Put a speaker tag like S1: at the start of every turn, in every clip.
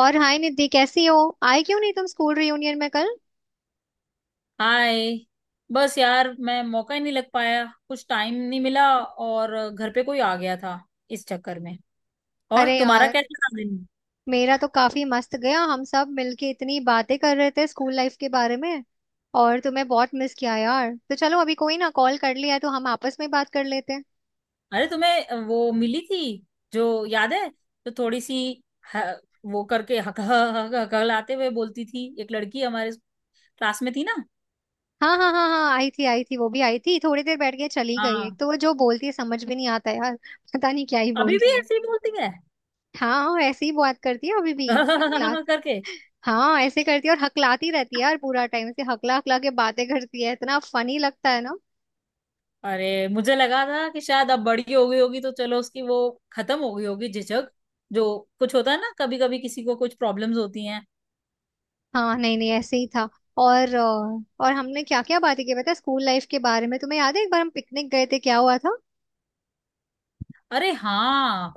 S1: और हाय निधि, कैसी हो? आए क्यों नहीं तुम स्कूल रियूनियन में कल?
S2: हाय। बस यार मैं मौका ही नहीं लग पाया। कुछ टाइम नहीं मिला और घर पे कोई आ गया था। इस चक्कर में। और
S1: अरे
S2: तुम्हारा
S1: यार,
S2: कैसा था दिन?
S1: मेरा तो काफी मस्त गया। हम सब मिलके इतनी बातें कर रहे थे स्कूल लाइफ के बारे में। और तुम्हें बहुत मिस किया यार। तो चलो, अभी कोई ना, कॉल कर लिया है तो हम आपस में बात कर लेते हैं।
S2: अरे तुम्हें वो मिली थी जो याद है? तो थोड़ी सी ह, वो करके हक हक हक हकलाते हुए बोलती थी एक लड़की हमारे क्लास में थी ना।
S1: हाँ हाँ हाँ हाँ, आई थी आई थी, वो भी आई थी। थोड़ी देर बैठ के चली गई। एक
S2: हाँ,
S1: तो वो जो बोलती है समझ भी नहीं आता यार पता नहीं क्या ही
S2: अभी भी
S1: बोलती है।
S2: ऐसे ही बोलती है।
S1: हाँ, ऐसे ही बात करती है अभी भी। हकलात।
S2: करके।
S1: हाँ ऐसे करती है और हकलाती रहती है यार। पूरा टाइम से हकला हकला के बातें करती है। इतना फनी लगता है ना।
S2: अरे मुझे लगा था कि शायद अब बड़ी हो गई होगी तो चलो उसकी वो खत्म हो गई होगी झिझक जो कुछ होता है ना। कभी कभी किसी को कुछ प्रॉब्लम्स होती हैं।
S1: हाँ नहीं नहीं, ऐसे ही था। और और हमने क्या क्या बातें की पता है स्कूल लाइफ के बारे में। तुम्हें याद है एक बार हम पिकनिक गए थे, क्या हुआ था?
S2: अरे हाँ।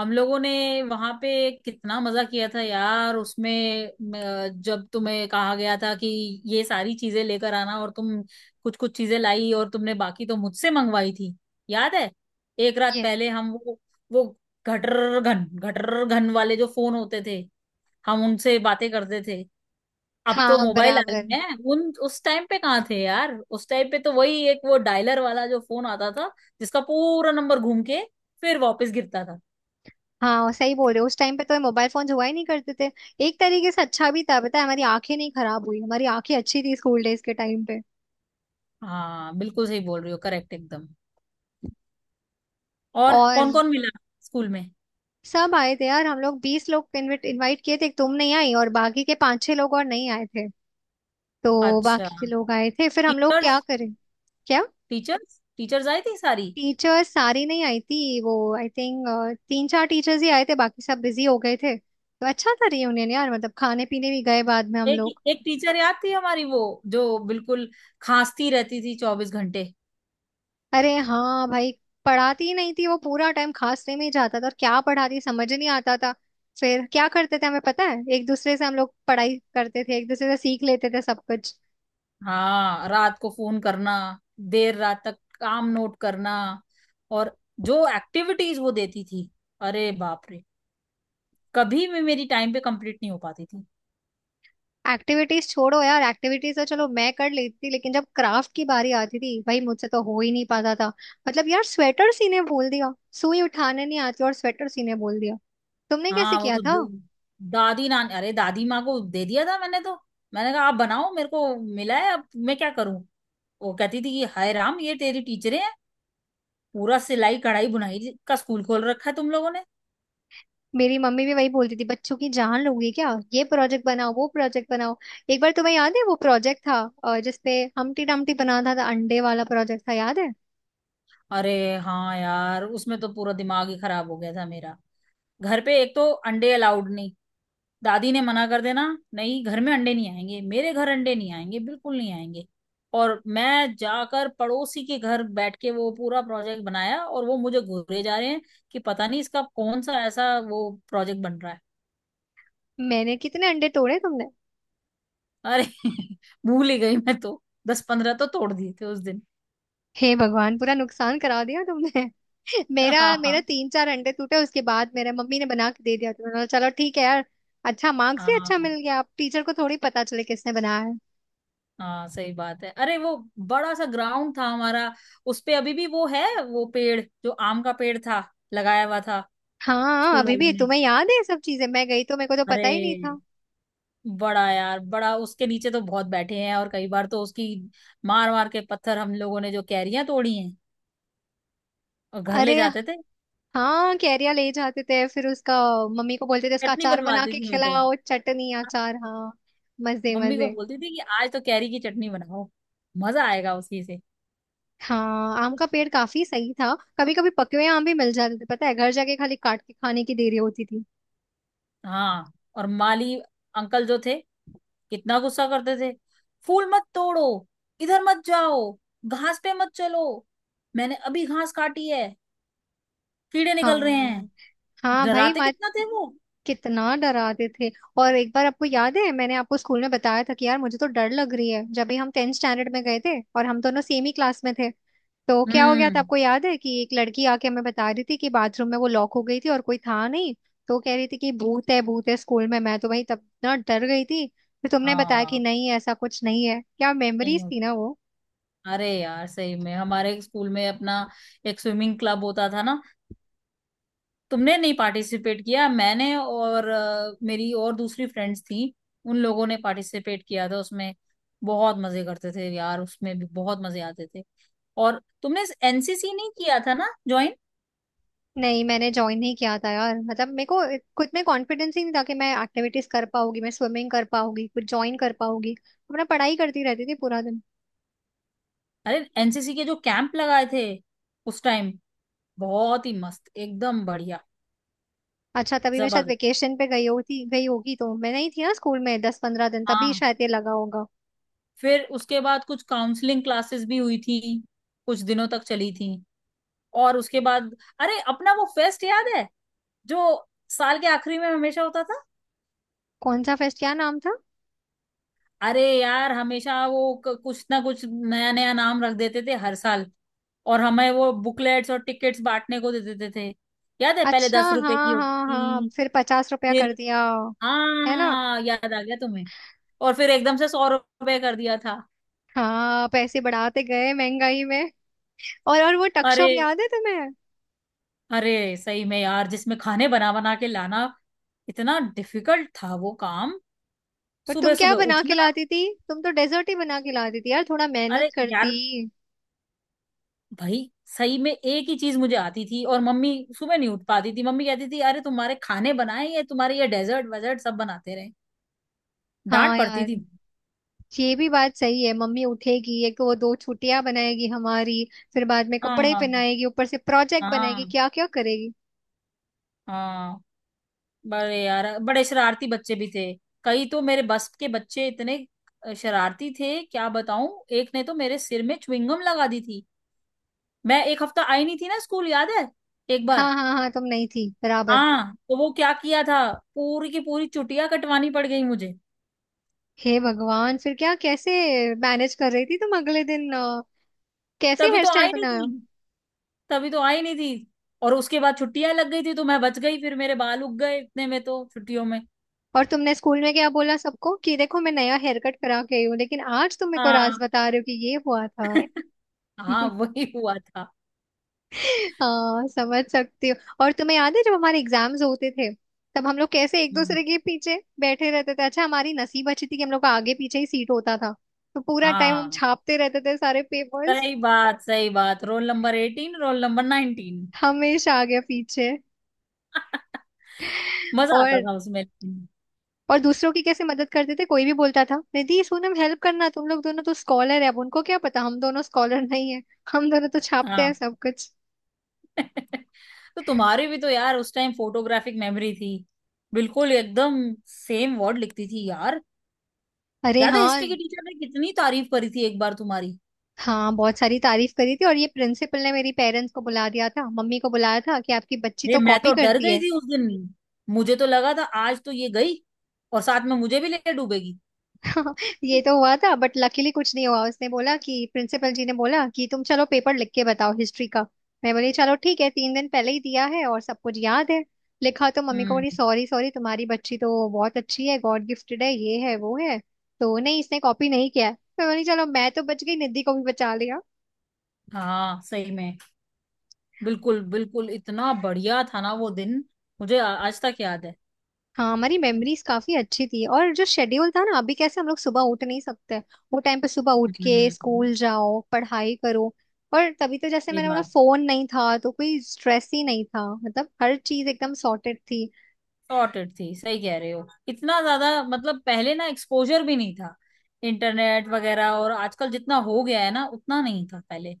S2: हम लोगों ने वहां पे कितना मजा किया था यार उसमें। जब तुम्हें कहा गया था कि ये सारी चीजें लेकर आना और तुम कुछ कुछ चीजें लाई और तुमने बाकी तो मुझसे मंगवाई थी। याद है एक रात
S1: ये।
S2: पहले हम वो घटर घन वाले जो फोन होते थे हम उनसे बातें करते थे। अब तो
S1: हाँ
S2: मोबाइल आ
S1: बराबर।
S2: गए हैं। उन उस टाइम पे कहाँ थे यार? उस टाइम पे तो वही एक वो डायलर वाला जो फोन आता था जिसका पूरा नंबर घूम के फिर वापस गिरता था।
S1: हाँ सही बोल रहे हो, उस टाइम पे तो मोबाइल फोन हुआ ही नहीं करते थे। एक तरीके से अच्छा भी था पता है, हमारी आंखें नहीं खराब हुई। हमारी आंखें अच्छी थी स्कूल डेज के टाइम पे।
S2: हाँ बिल्कुल सही बोल रही हो। करेक्ट एकदम। और
S1: और
S2: कौन कौन मिला स्कूल में?
S1: सब आए थे यार। हम लोग 20 लोग इनविट इनवाइट किए थे, तुम नहीं आई और बाकी के पांच छह लोग और नहीं आए थे। तो
S2: अच्छा।
S1: बाकी के लोग आए थे। फिर हम लोग क्या
S2: टीचर्स
S1: करें? क्या?
S2: टीचर्स टीचर्स आई थी सारी?
S1: टीचर्स सारी नहीं आई थी। वो आई थिंक तीन चार टीचर्स ही आए थे। बाकी सब बिजी हो गए थे। तो अच्छा था रियूनियन यार, मतलब खाने पीने भी गए बाद में हम
S2: एक
S1: लोग।
S2: एक टीचर याद थी हमारी वो जो बिल्कुल खांसती रहती थी 24 घंटे।
S1: अरे हाँ भाई, पढ़ाती ही नहीं थी वो। पूरा टाइम खांसने में ही जाता था और क्या पढ़ाती समझ ही नहीं आता था। फिर क्या करते थे हमें पता है, एक दूसरे से हम लोग पढ़ाई करते थे। एक दूसरे से सीख लेते थे सब कुछ।
S2: हाँ रात को फोन करना, देर रात तक काम नोट करना, और जो एक्टिविटीज वो देती थी अरे बाप रे कभी भी मेरी टाइम पे कंप्लीट नहीं हो पाती थी।
S1: एक्टिविटीज छोड़ो यार, एक्टिविटीज तो चलो मैं कर लेती थी, लेकिन जब क्राफ्ट की बारी आती थी भाई मुझसे तो हो ही नहीं पाता था। मतलब यार, स्वेटर सीने बोल दिया। सुई उठाने नहीं आती और स्वेटर सीने बोल दिया। तुमने कैसे
S2: हाँ वो
S1: किया
S2: तो
S1: था?
S2: द- दादी नान अरे दादी माँ को दे दिया था मैंने तो। मैंने कहा आप बनाओ, मेरे को मिला है अब मैं क्या करूं। वो कहती थी कि हाय राम ये तेरी टीचरें हैं। पूरा सिलाई कढ़ाई बुनाई का स्कूल खोल रखा है तुम लोगों ने।
S1: मेरी मम्मी भी वही बोलती थी, बच्चों की जान लोगे क्या? ये प्रोजेक्ट बनाओ वो प्रोजेक्ट बनाओ। एक बार तुम्हें याद है वो प्रोजेक्ट था जिसपे हमटी डमटी बना था, अंडे वाला प्रोजेक्ट था याद है?
S2: अरे हाँ यार उसमें तो पूरा दिमाग ही खराब हो गया था मेरा। घर पे एक तो अंडे अलाउड नहीं। दादी ने मना कर देना, नहीं घर में अंडे नहीं आएंगे, मेरे घर अंडे नहीं आएंगे, बिल्कुल नहीं आएंगे। और मैं जाकर पड़ोसी के घर बैठ के वो पूरा प्रोजेक्ट बनाया और वो मुझे घूरे जा रहे हैं कि पता नहीं इसका कौन सा ऐसा वो प्रोजेक्ट बन रहा है।
S1: मैंने कितने अंडे तोड़े तुमने?
S2: अरे भूल ही गई मैं तो। 10-15 तो तोड़ दिए थे उस दिन।
S1: हे भगवान, पूरा नुकसान करा दिया तुमने। मेरा
S2: हाँ
S1: मेरा
S2: हाँ,
S1: तीन चार अंडे टूटे, उसके बाद मेरे मम्मी ने बना के दे दिया। तुमने बोला, चलो ठीक है यार। अच्छा मार्क्स भी
S2: हाँ
S1: अच्छा मिल गया, अब टीचर को थोड़ी पता चले किसने बनाया है।
S2: हाँ सही बात है। अरे वो बड़ा सा ग्राउंड था हमारा। उस पे अभी भी वो है वो पेड़ जो आम का पेड़ था लगाया हुआ था
S1: हाँ
S2: स्कूल
S1: अभी
S2: वालों
S1: भी
S2: ने।
S1: तुम्हें याद है ये सब चीजें। मैं गई तो मेरे को तो पता
S2: अरे
S1: ही नहीं था।
S2: बड़ा यार बड़ा उसके नीचे तो बहुत बैठे हैं, और कई बार तो उसकी मार मार के पत्थर हम लोगों ने जो कैरियां तोड़ी हैं और घर ले
S1: अरे
S2: जाते थे।
S1: हाँ, कैरिया ले जाते थे। फिर उसका मम्मी को बोलते थे इसका
S2: चटनी
S1: अचार बना
S2: बनवाती
S1: के
S2: थी मैं तो, हाँ,
S1: खिलाओ, चटनी, अचार। हाँ मजे
S2: मम्मी को
S1: मजे।
S2: बोलती थी कि आज तो कैरी की चटनी बनाओ। मजा आएगा उसी से।
S1: हाँ, आम का पेड़ काफी सही था। कभी कभी पके हुए आम भी मिल जाते थे पता है। घर जाके खाली काट के खाने की देरी होती थी।
S2: हाँ और माली अंकल जो थे कितना गुस्सा करते थे। फूल मत तोड़ो। इधर मत जाओ। घास पे मत चलो। मैंने अभी घास काटी है। कीड़े निकल रहे
S1: हाँ
S2: हैं।
S1: हाँ भाई
S2: डराते
S1: माँ,
S2: कितना थे वो।
S1: कितना डराते थे। और एक बार आपको याद है मैंने आपको स्कूल में बताया था कि यार मुझे तो डर लग रही है। जब भी हम टेंथ स्टैंडर्ड में गए थे और हम दोनों सेम ही क्लास में थे, तो क्या हो गया था
S2: हम्म।
S1: आपको याद है? कि एक लड़की आके हमें बता रही थी कि बाथरूम में वो लॉक हो गई थी और कोई था नहीं, तो कह रही थी कि भूत है स्कूल में। मैं तो भाई तब इतना डर गई थी, फिर तुमने बताया कि
S2: हाँ
S1: नहीं ऐसा कुछ नहीं है। क्या
S2: नहीं
S1: मेमोरीज थी
S2: होता।
S1: ना।
S2: अरे यार सही में हमारे स्कूल में अपना एक स्विमिंग क्लब होता था ना। तुमने नहीं पार्टिसिपेट किया। मैंने और मेरी और दूसरी फ्रेंड्स थी, उन लोगों ने पार्टिसिपेट किया था उसमें। बहुत मजे करते थे यार, उसमें भी बहुत मजे आते थे। और तुमने एनसीसी नहीं किया था ना ज्वाइन?
S1: नहीं मैंने ज्वाइन नहीं किया था यार, मतलब मेरे को खुद में कॉन्फिडेंस ही नहीं था कि मैं एक्टिविटीज कर पाऊंगी, मैं स्विमिंग कर पाऊंगी, कुछ ज्वाइन कर पाऊंगी। तो मैं पढ़ाई करती रहती थी पूरा दिन।
S2: अरे एनसीसी के जो कैंप लगाए थे उस टाइम बहुत ही मस्त एकदम बढ़िया।
S1: अच्छा, तभी मैं शायद
S2: जबरदस्त।
S1: वेकेशन पे गई होगी, तो मैं नहीं थी ना स्कूल में 10 15 दिन, तभी
S2: हाँ
S1: शायद ये लगा होगा।
S2: फिर उसके बाद कुछ काउंसलिंग क्लासेस भी हुई थी, कुछ दिनों तक चली थी। और उसके बाद अरे अपना वो फेस्ट याद है जो साल के आखिरी में हमेशा होता था?
S1: कौन सा फेस्ट, क्या नाम था?
S2: अरे यार हमेशा वो कुछ ना कुछ नया नया नाम रख देते थे हर साल। और हमें वो बुकलेट्स और टिकट्स बांटने को दे देते थे। याद है पहले
S1: अच्छा
S2: 10 रुपए की
S1: हाँ
S2: होती
S1: हाँ हाँ,
S2: थी?
S1: फिर 50 रुपया
S2: फिर।
S1: कर दिया। है ना।
S2: हाँ याद आ गया तुम्हें? और फिर एकदम से 100 रुपए कर दिया था।
S1: हाँ पैसे बढ़ाते गए महंगाई में। और वो
S2: अरे,
S1: टकशॉप याद है तुम्हें?
S2: अरे सही में यार जिसमें खाने बना बना के लाना इतना डिफिकल्ट था वो काम।
S1: पर
S2: सुबह
S1: तुम क्या
S2: सुबह
S1: बना के
S2: उठना।
S1: लाती थी? तुम तो डेजर्ट ही बना के लाती थी यार, थोड़ा
S2: अरे
S1: मेहनत करती।
S2: यार भाई सही में एक ही चीज मुझे आती थी और मम्मी सुबह नहीं उठ पाती थी। मम्मी कहती थी अरे तुम्हारे खाने बनाए, ये तुम्हारे ये डेजर्ट वेजर्ट सब बनाते रहे।
S1: हाँ
S2: डांट पड़ती
S1: यार।
S2: थी।
S1: ये भी बात सही है, मम्मी उठेगी एक तो वो दो छुट्टियां बनाएगी हमारी, फिर बाद में कपड़े
S2: हाँ
S1: पहनाएगी, ऊपर से प्रोजेक्ट बनाएगी,
S2: हाँ
S1: क्या क्या करेगी।
S2: हाँ, बड़े यार बड़े शरारती बच्चे भी थे। कई तो मेरे बस के बच्चे इतने शरारती थे क्या बताऊं। एक ने तो मेरे सिर में च्युइंगम लगा दी थी। मैं एक हफ्ता आई नहीं थी ना स्कूल, याद है एक बार?
S1: हाँ हाँ हाँ, तुम नहीं थी बराबर।
S2: हाँ तो वो क्या किया था, पूरी की पूरी चुटिया कटवानी पड़ गई मुझे।
S1: हे भगवान, फिर क्या, कैसे मैनेज कर रही थी तुम अगले दिन? कैसे
S2: तभी
S1: हेयर
S2: तो
S1: स्टाइल
S2: आई नहीं
S1: बनाया?
S2: थी। तभी तो आई नहीं थी। और उसके बाद छुट्टियां लग गई थी तो मैं बच गई, फिर मेरे बाल उग गए इतने में तो छुट्टियों में।
S1: और तुमने स्कूल में क्या बोला सबको कि देखो मैं नया हेयर कट करा के आई हूँ, लेकिन आज तुम मेरे को राज
S2: हाँ
S1: बता रहे हो कि ये हुआ था।
S2: हाँ वही हुआ था।
S1: हाँ समझ सकती हूँ। और तुम्हें याद है जब हमारे एग्जाम्स होते थे, तब हम लोग कैसे एक
S2: हम्म,
S1: दूसरे के पीछे बैठे रहते थे। अच्छा हमारी नसीब अच्छी थी कि हम लोग का आगे पीछे ही सीट होता था। तो पूरा टाइम हम
S2: हाँ
S1: छापते रहते थे सारे पेपर्स।
S2: सही बात, सही बात, रोल नंबर 18 रोल नंबर 19।
S1: हमेशा आगे पीछे।
S2: मजा आता
S1: और
S2: था उसमें।
S1: और दूसरों की कैसे मदद करते थे। कोई भी बोलता था निधि सुन, हम हेल्प करना, तुम लोग दोनों तो स्कॉलर है। अब उनको क्या पता हम दोनों स्कॉलर नहीं है, हम दोनों तो छापते हैं
S2: हाँ
S1: सब कुछ।
S2: तो तुम्हारी भी तो यार उस टाइम फोटोग्राफिक मेमोरी थी, बिल्कुल एकदम सेम वर्ड लिखती थी यार।
S1: अरे
S2: याद है हिस्ट्री
S1: हाँ।
S2: की टीचर ने कितनी तारीफ करी थी एक बार तुम्हारी?
S1: हाँ बहुत सारी तारीफ करी थी। और ये प्रिंसिपल ने मेरी पेरेंट्स को बुला दिया था, मम्मी को बुलाया था कि आपकी बच्ची
S2: ये
S1: तो
S2: मैं
S1: कॉपी
S2: तो डर
S1: करती
S2: गई
S1: है।
S2: थी उस दिन। मुझे तो लगा था आज तो ये गई और साथ में मुझे भी ले डूबेगी।
S1: ये तो हुआ था, बट लकीली कुछ नहीं हुआ। उसने बोला कि प्रिंसिपल जी ने बोला कि तुम चलो पेपर लिख के बताओ हिस्ट्री का। मैं बोली चलो ठीक है, 3 दिन पहले ही दिया है और सब कुछ याद है। लिखा तो मम्मी को
S2: हम्म।
S1: बोली सॉरी सॉरी, तुम्हारी बच्ची तो बहुत अच्छी है, गॉड गिफ्टेड है, ये है वो है, तो नहीं इसने कॉपी नहीं किया है। मैं बोली चलो मैं तो बच गई, निधि को भी बचा।
S2: हाँ सही में, बिल्कुल बिल्कुल इतना बढ़िया था ना वो दिन। मुझे आज तक याद है।
S1: हाँ हमारी मेमोरीज काफी अच्छी थी। और जो शेड्यूल था ना, अभी कैसे हम लोग सुबह उठ नहीं सकते, वो टाइम पे सुबह उठ के स्कूल
S2: हम्म।
S1: जाओ पढ़ाई करो। और तभी तो जैसे
S2: ये
S1: मैंने बोला,
S2: बात।
S1: फोन नहीं था तो कोई स्ट्रेस ही नहीं था, मतलब हर चीज एकदम सॉर्टेड थी।
S2: सॉर्टेड थी, सही कह रहे हो। इतना ज्यादा मतलब पहले ना एक्सपोजर भी नहीं था इंटरनेट वगैरह, और आजकल जितना हो गया है ना उतना नहीं था पहले।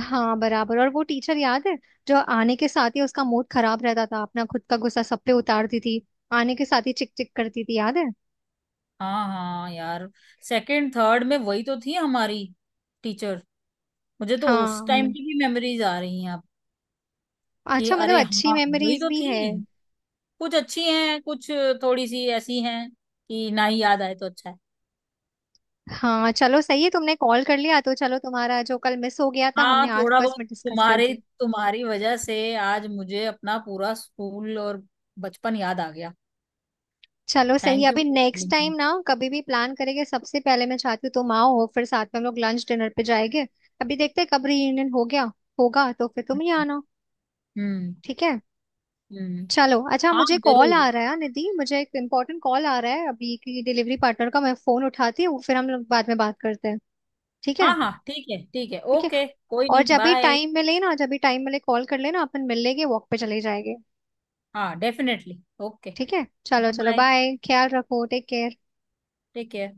S1: हाँ बराबर। और वो टीचर याद है जो आने के साथ ही उसका मूड खराब रहता था, अपना खुद का गुस्सा सब पे उतारती थी। आने के साथ ही चिक चिक करती थी, याद है?
S2: हाँ हाँ यार सेकंड थर्ड में वही तो थी हमारी टीचर। मुझे तो उस टाइम
S1: हाँ।
S2: की भी मेमोरीज आ रही हैं अब कि
S1: अच्छा, मतलब
S2: अरे
S1: अच्छी
S2: हाँ वही
S1: मेमोरीज
S2: तो
S1: भी है।
S2: थी। कुछ अच्छी हैं, कुछ थोड़ी सी ऐसी हैं कि ना ही याद आए तो अच्छा है।
S1: हाँ चलो सही है, तुमने कॉल कर लिया तो चलो, तुम्हारा जो कल मिस हो गया था
S2: हाँ
S1: हमने
S2: थोड़ा
S1: आसपास
S2: बहुत।
S1: में डिस्कस कर
S2: तुम्हारे
S1: दिया।
S2: तुम्हारी वजह से आज मुझे अपना पूरा स्कूल और बचपन याद आ गया।
S1: चलो सही है,
S2: थैंक यू।
S1: अभी नेक्स्ट टाइम ना, कभी भी प्लान करेंगे, सबसे पहले मैं चाहती हूँ तुम आओ, फिर साथ में हम लोग लंच डिनर पे जाएंगे। अभी देखते हैं कब रीयूनियन हो गया, होगा तो फिर तुम ही आना।
S2: हम्म।
S1: ठीक है।
S2: हम्म।
S1: चलो अच्छा,
S2: हाँ
S1: मुझे कॉल
S2: जरूर।
S1: आ रहा है निधि, मुझे एक इम्पोर्टेंट कॉल आ रहा है अभी की डिलीवरी पार्टनर का, मैं फोन उठाती हूँ फिर हम लोग बाद में बात करते हैं। ठीक है।
S2: हाँ हाँ ठीक है
S1: ठीक है,
S2: ओके कोई
S1: और
S2: नहीं
S1: जब भी
S2: बाय।
S1: टाइम मिले ना, जब भी टाइम मिले कॉल कर लेना, अपन मिल लेंगे, वॉक पे चले जाएंगे।
S2: हाँ डेफिनेटली ओके।
S1: ठीक है, चलो चलो
S2: बाय।
S1: बाय, ख्याल रखो, टेक केयर।
S2: Take care.